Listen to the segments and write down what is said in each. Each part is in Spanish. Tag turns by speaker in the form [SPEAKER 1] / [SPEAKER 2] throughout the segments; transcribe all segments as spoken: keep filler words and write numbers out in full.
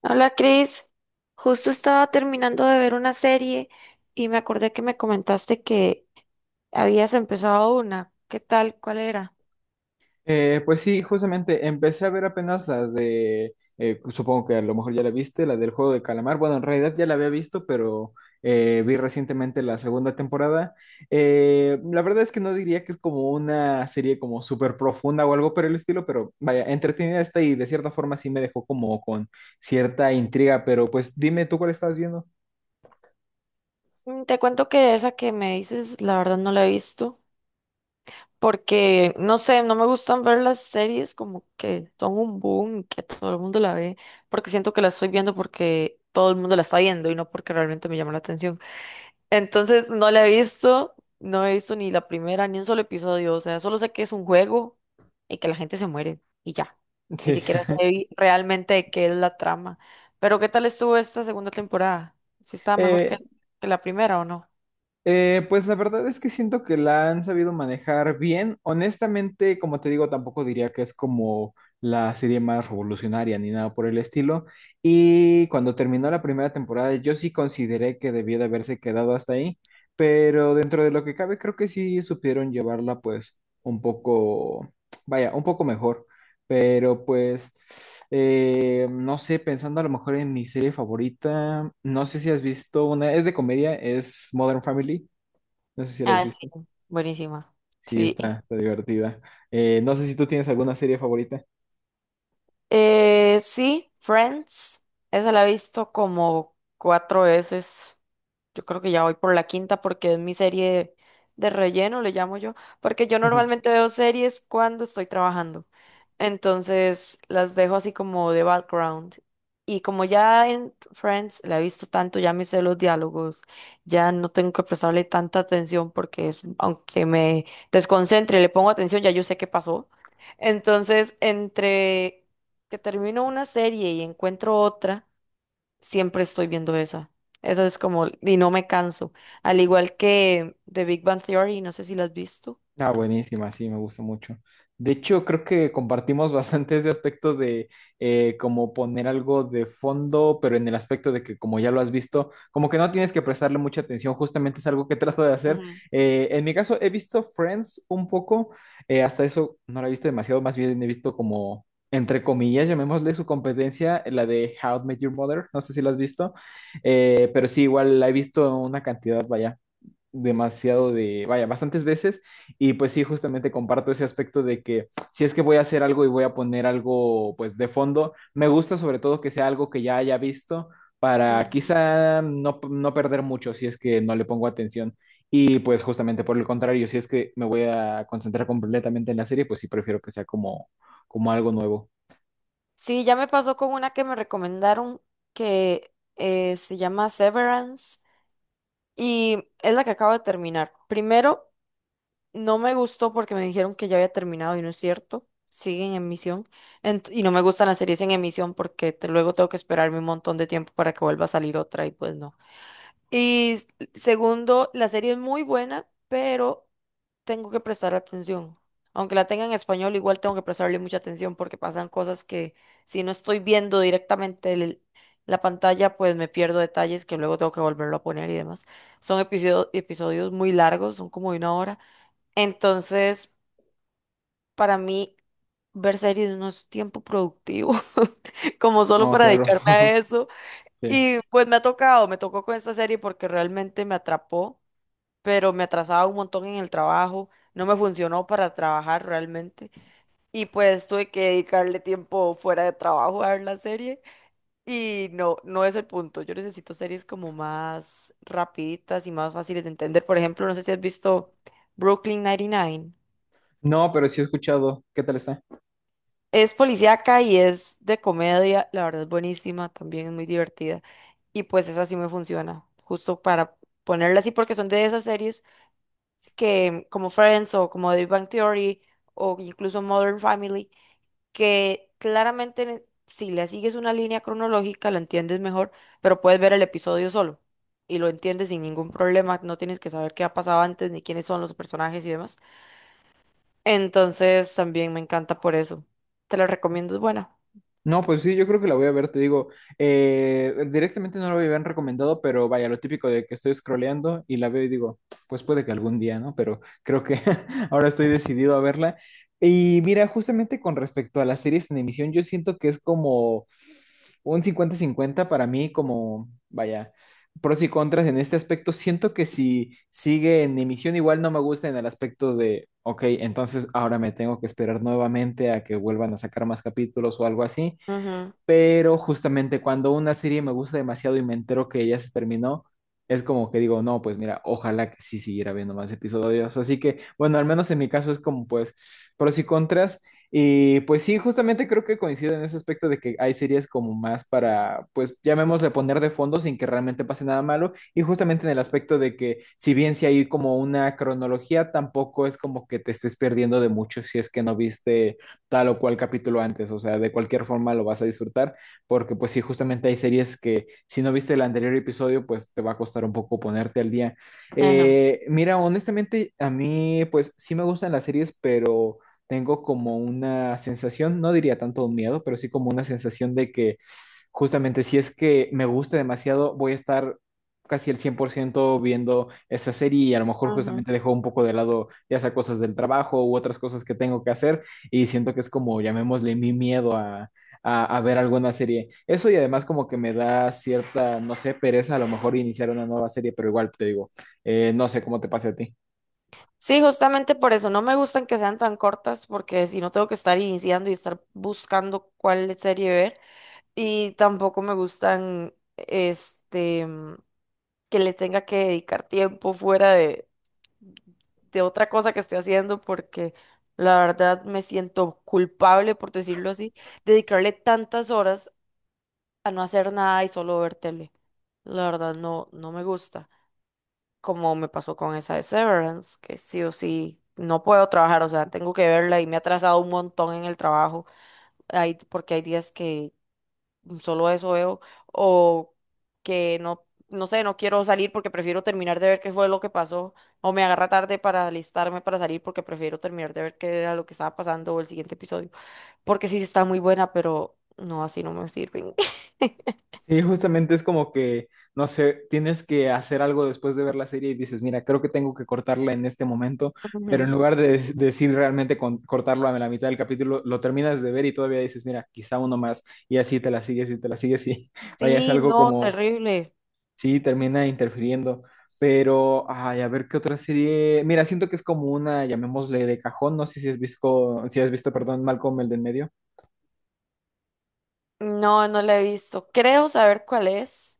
[SPEAKER 1] Hola Cris, justo estaba terminando de ver una serie y me acordé que me comentaste que habías empezado una. ¿Qué tal? ¿Cuál era?
[SPEAKER 2] Eh, pues sí, justamente empecé a ver apenas la de, eh, pues, supongo que a lo mejor ya la viste, la del juego de calamar. Bueno, en realidad ya la había visto, pero eh, vi recientemente la segunda temporada. Eh, la verdad es que no diría que es como una serie como súper profunda o algo por el estilo, pero vaya, entretenida está y de cierta forma sí me dejó como con cierta intriga, pero pues dime tú cuál estás viendo.
[SPEAKER 1] Mm, te cuento que esa que me dices, la verdad no la he visto porque no sé, no me gustan ver las series como que son un boom y que todo el mundo la ve porque siento que la estoy viendo porque todo el mundo la está viendo y no porque realmente me llama la atención. Entonces no la he visto, no he visto ni la primera, ni un solo episodio. O sea, solo sé que es un juego y que la gente se muere y ya. Ni
[SPEAKER 2] Sí.
[SPEAKER 1] siquiera sé vi- realmente de qué es la trama. Pero ¿qué tal estuvo esta segunda temporada? ¿Si estaba mejor que,
[SPEAKER 2] Eh,
[SPEAKER 1] que la primera o no?
[SPEAKER 2] Eh, pues la verdad es que siento que la han sabido manejar bien. Honestamente, como te digo, tampoco diría que es como la serie más revolucionaria ni nada por el estilo. Y cuando terminó la primera temporada, yo sí consideré que debió de haberse quedado hasta ahí, pero dentro de lo que cabe, creo que sí supieron llevarla pues un poco, vaya, un poco mejor. Pero pues, eh, no sé, pensando a lo mejor en mi serie favorita, no sé si has visto una, es de comedia, es Modern Family. No sé si la has
[SPEAKER 1] Ah, sí,
[SPEAKER 2] visto.
[SPEAKER 1] buenísima.
[SPEAKER 2] Sí,
[SPEAKER 1] Sí.
[SPEAKER 2] está, está divertida. Eh, no sé si tú tienes alguna serie favorita.
[SPEAKER 1] Eh, sí, Friends. Esa la he visto como cuatro veces. Yo creo que ya voy por la quinta porque es mi serie de relleno, le llamo yo. Porque yo normalmente veo series cuando estoy trabajando. Entonces las dejo así como de background. Y como ya en Friends la he visto tanto, ya me sé los diálogos, ya no tengo que prestarle tanta atención porque aunque me desconcentre, le pongo atención, ya yo sé qué pasó. Entonces, entre que termino una serie y encuentro otra, siempre estoy viendo esa. Esa es como, y no me canso. Al igual que The Big Bang Theory, no sé si la has visto.
[SPEAKER 2] Ah, buenísima, sí, me gusta mucho. De hecho, creo que compartimos bastante ese aspecto de eh, como poner algo de fondo, pero en el aspecto de que como ya lo has visto, como que no tienes que prestarle mucha atención, justamente es algo que trato de hacer.
[SPEAKER 1] Ujú,
[SPEAKER 2] Eh, en mi caso, he visto Friends un poco, eh, hasta eso no la he visto demasiado, más bien he visto como, entre comillas, llamémosle su competencia, la de How I Met Your Mother, no sé si la has visto, eh, pero sí, igual la he visto una cantidad, vaya demasiado de, vaya, bastantes veces. Y pues sí, justamente comparto ese aspecto de que si es que voy a hacer algo y voy a poner algo pues de fondo, me gusta sobre todo que sea algo que ya haya visto para
[SPEAKER 1] ujú.
[SPEAKER 2] quizá no, no perder mucho si es que no le pongo atención. Y pues justamente por el contrario, si es que me voy a concentrar completamente en la serie, pues sí prefiero que sea como, como algo nuevo.
[SPEAKER 1] Sí, ya me pasó con una que me recomendaron que eh, se llama Severance y es la que acabo de terminar. Primero, no me gustó porque me dijeron que ya había terminado y no es cierto. Siguen en emisión. Ent- y no me gustan las series en emisión porque te- luego tengo que esperarme un montón de tiempo para que vuelva a salir otra y pues no. Y s- segundo, la serie es muy buena, pero tengo que prestar atención. Aunque la tenga en español, igual tengo que prestarle mucha atención porque pasan cosas que si no estoy viendo directamente el- la pantalla, pues me pierdo detalles que luego tengo que volverlo a poner y demás. Son episodio- episodios muy largos, son como de una hora. Entonces, para mí, ver series no es tiempo productivo, como solo
[SPEAKER 2] No,
[SPEAKER 1] para
[SPEAKER 2] claro.
[SPEAKER 1] dedicarme a eso.
[SPEAKER 2] Sí.
[SPEAKER 1] Y pues me ha tocado, me tocó con esta serie porque realmente me atrapó, pero me atrasaba un montón en el trabajo, no me funcionó para trabajar realmente. Y pues tuve que dedicarle tiempo fuera de trabajo a ver la serie. Y no, no es el punto. Yo necesito series como más rapiditas y más fáciles de entender. Por ejemplo, no sé si has visto Brooklyn noventa y nueve.
[SPEAKER 2] No, pero sí he escuchado. ¿Qué tal está?
[SPEAKER 1] Es policíaca y es de comedia, la verdad es buenísima, también es muy divertida. Y pues esa sí me funciona, justo para ponerla así, porque son de esas series que, como Friends o como The Bang Theory o incluso Modern Family, que claramente ne- si le sigues una línea cronológica la entiendes mejor, pero puedes ver el episodio solo y lo entiendes sin ningún problema, no tienes que saber qué ha pasado antes ni quiénes son los personajes y demás. Entonces también me encanta por eso. Te la recomiendo, es buena.
[SPEAKER 2] No, pues sí, yo creo que la voy a ver, te digo, eh, directamente no la habían recomendado, pero vaya, lo típico de que estoy scrolleando y la veo y digo, pues puede que algún día, ¿no? Pero creo que ahora estoy decidido a verla. Y mira, justamente con respecto a las series en emisión, yo siento que es como un cincuenta-cincuenta para mí, como, vaya, pros y contras en este aspecto. Siento que si sigue en emisión, igual no me gusta en el aspecto de, ok, entonces ahora me tengo que esperar nuevamente a que vuelvan a sacar más capítulos o algo así. Pero justamente cuando una serie me gusta demasiado y me entero que ya se terminó, es como que digo, no, pues mira, ojalá que sí siguiera viendo más episodios. Así que, bueno, al menos en mi caso es como pues pros y contras. Y pues sí, justamente creo que coincido en ese aspecto de que hay series como más para, pues llamémosle poner de fondo sin que realmente pase nada malo. Y justamente en el aspecto de que si bien si hay como una cronología, tampoco es como que te estés perdiendo de mucho si es que no viste tal o cual capítulo antes, o sea, de cualquier forma lo vas a disfrutar, porque pues sí, justamente hay series que si no viste el anterior episodio, pues te va a costar un poco ponerte al día.
[SPEAKER 1] Ajá,
[SPEAKER 2] Eh, mira, honestamente, a mí pues sí me gustan las series, pero tengo como una sensación, no diría tanto un miedo, pero sí como una sensación de que justamente si es que me gusta demasiado, voy a estar casi el cien por ciento viendo esa serie y a lo mejor
[SPEAKER 1] ajá.
[SPEAKER 2] justamente dejo un poco de lado ya sea cosas del trabajo u otras cosas que tengo que hacer y siento que es como, llamémosle, mi miedo a, a, a ver alguna serie. Eso y además como que me da cierta, no sé, pereza a lo mejor iniciar una nueva serie, pero igual te digo, eh, no sé cómo te pase a ti.
[SPEAKER 1] Sí, justamente por eso no me gustan que sean tan cortas, porque si no tengo que estar iniciando y estar buscando cuál serie ver. Y tampoco me gustan, este, mm, que le tenga que dedicar tiempo fuera de, de otra cosa que esté haciendo, porque la verdad me siento culpable, por decirlo así, dedicarle tantas horas a no hacer nada y solo ver tele. La verdad no, no me gusta. Como me pasó con esa de Severance, que sí o sí no puedo trabajar, o sea, tengo que verla y me ha atrasado un montón en el trabajo, hay, porque hay días que solo eso veo, o que no, no sé, no quiero salir porque prefiero terminar de ver qué fue lo que pasó, o me agarra tarde para alistarme para salir porque prefiero terminar de ver qué era lo que estaba pasando o el siguiente episodio, porque sí está muy buena, pero no, así no me sirven.
[SPEAKER 2] Sí, justamente es como que, no sé, tienes que hacer algo después de ver la serie y dices, mira, creo que tengo que cortarla en este momento, pero en
[SPEAKER 1] Ujú.
[SPEAKER 2] lugar de de- decir realmente con- cortarlo a la mitad del capítulo, lo terminas de ver y todavía dices, mira, quizá uno más, y así te la sigues y te la sigues y vaya, es
[SPEAKER 1] Sí,
[SPEAKER 2] algo
[SPEAKER 1] no,
[SPEAKER 2] como.
[SPEAKER 1] terrible.
[SPEAKER 2] Sí, termina interfiriendo. Pero, ay, a ver qué otra serie. Mira, siento que es como una, llamémosle de cajón. No sé si has visto, si has visto, perdón, Malcolm el del medio.
[SPEAKER 1] No, no la he visto. Creo saber cuál es,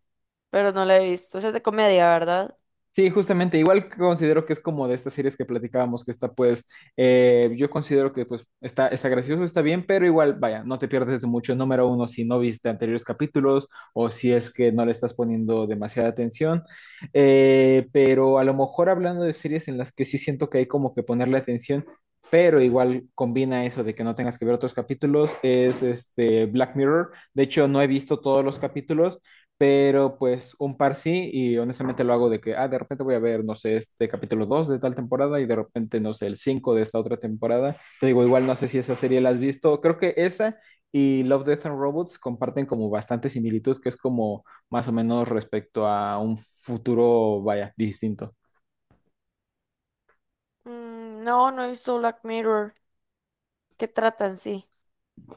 [SPEAKER 1] pero no la he visto. Esa es de comedia, ¿verdad?
[SPEAKER 2] Sí, justamente, igual considero que es como de estas series que platicábamos, que está pues, eh, yo considero que pues está, está gracioso, está bien, pero igual, vaya, no te pierdes de mucho. Número uno, si no viste anteriores capítulos o si es que no le estás poniendo demasiada atención. Eh, pero a lo mejor hablando de series en las que sí siento que hay como que ponerle atención, pero igual combina eso de que no tengas que ver otros capítulos, es este Black Mirror. De hecho, no he visto todos los capítulos, pero pues un par sí, y honestamente lo hago de que, ah, de repente voy a ver, no sé, este capítulo dos de tal temporada y de repente, no sé, el cinco de esta otra temporada. Te digo, igual no sé si esa serie la has visto, creo que esa y Love, Death and Robots comparten como bastante similitud, que es como más o menos respecto a un futuro, vaya, distinto.
[SPEAKER 1] Mm, no, no he visto Black Mirror. ¿Qué tratan? Sí.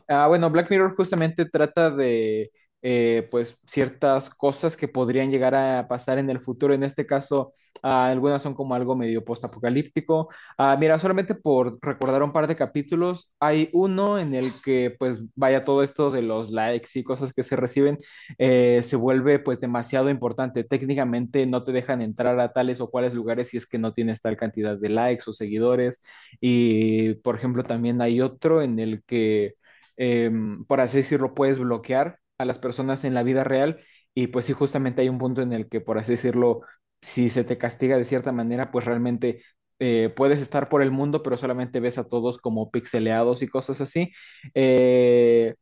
[SPEAKER 2] Ah, bueno, Black Mirror justamente trata de eh, pues ciertas cosas que podrían llegar a pasar en el futuro. En este caso, ah, algunas son como algo medio postapocalíptico. Ah, mira, solamente por recordar un par de capítulos, hay uno en el que pues vaya todo esto de los likes y cosas que se reciben, eh, se vuelve pues demasiado importante. Técnicamente no te dejan entrar a tales o cuales lugares si es que no tienes tal cantidad de likes o seguidores. Y por ejemplo, también hay otro en el que eh, por así decirlo, puedes bloquear a las personas en la vida real y pues sí, justamente hay un punto en el que, por así decirlo, si se te castiga de cierta manera, pues realmente eh, puedes estar por el mundo, pero solamente ves a todos como pixeleados y cosas así. Eh,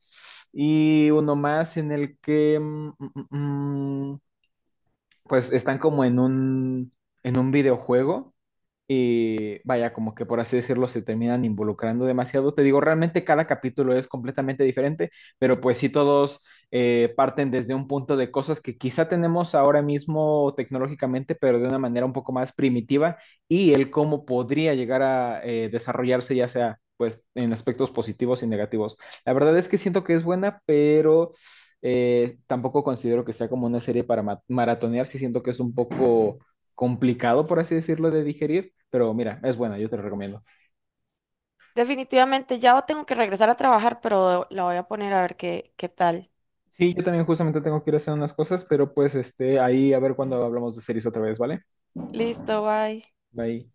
[SPEAKER 2] y uno más en el que mm, mm, mm, pues están como en un, en un videojuego y vaya, como que por así decirlo, se terminan involucrando demasiado. Te digo, realmente cada capítulo es completamente diferente, pero pues sí todos eh, parten desde un punto de cosas que quizá tenemos ahora mismo tecnológicamente, pero de una manera un poco más primitiva y el cómo podría llegar a eh, desarrollarse, ya sea pues en aspectos positivos y negativos. La verdad es que siento que es buena, pero... eh, tampoco considero que sea como una serie para ma- maratonear, sí siento que es un poco complicado, por así decirlo, de digerir, pero mira, es buena, yo te lo recomiendo.
[SPEAKER 1] Definitivamente ya tengo que regresar a trabajar, pero la voy a poner a ver qué, qué tal.
[SPEAKER 2] Sí, yo también justamente tengo que ir a hacer unas cosas, pero pues este, ahí a ver cuando hablamos de series otra vez, ¿vale?
[SPEAKER 1] Listo, bye.
[SPEAKER 2] Bye.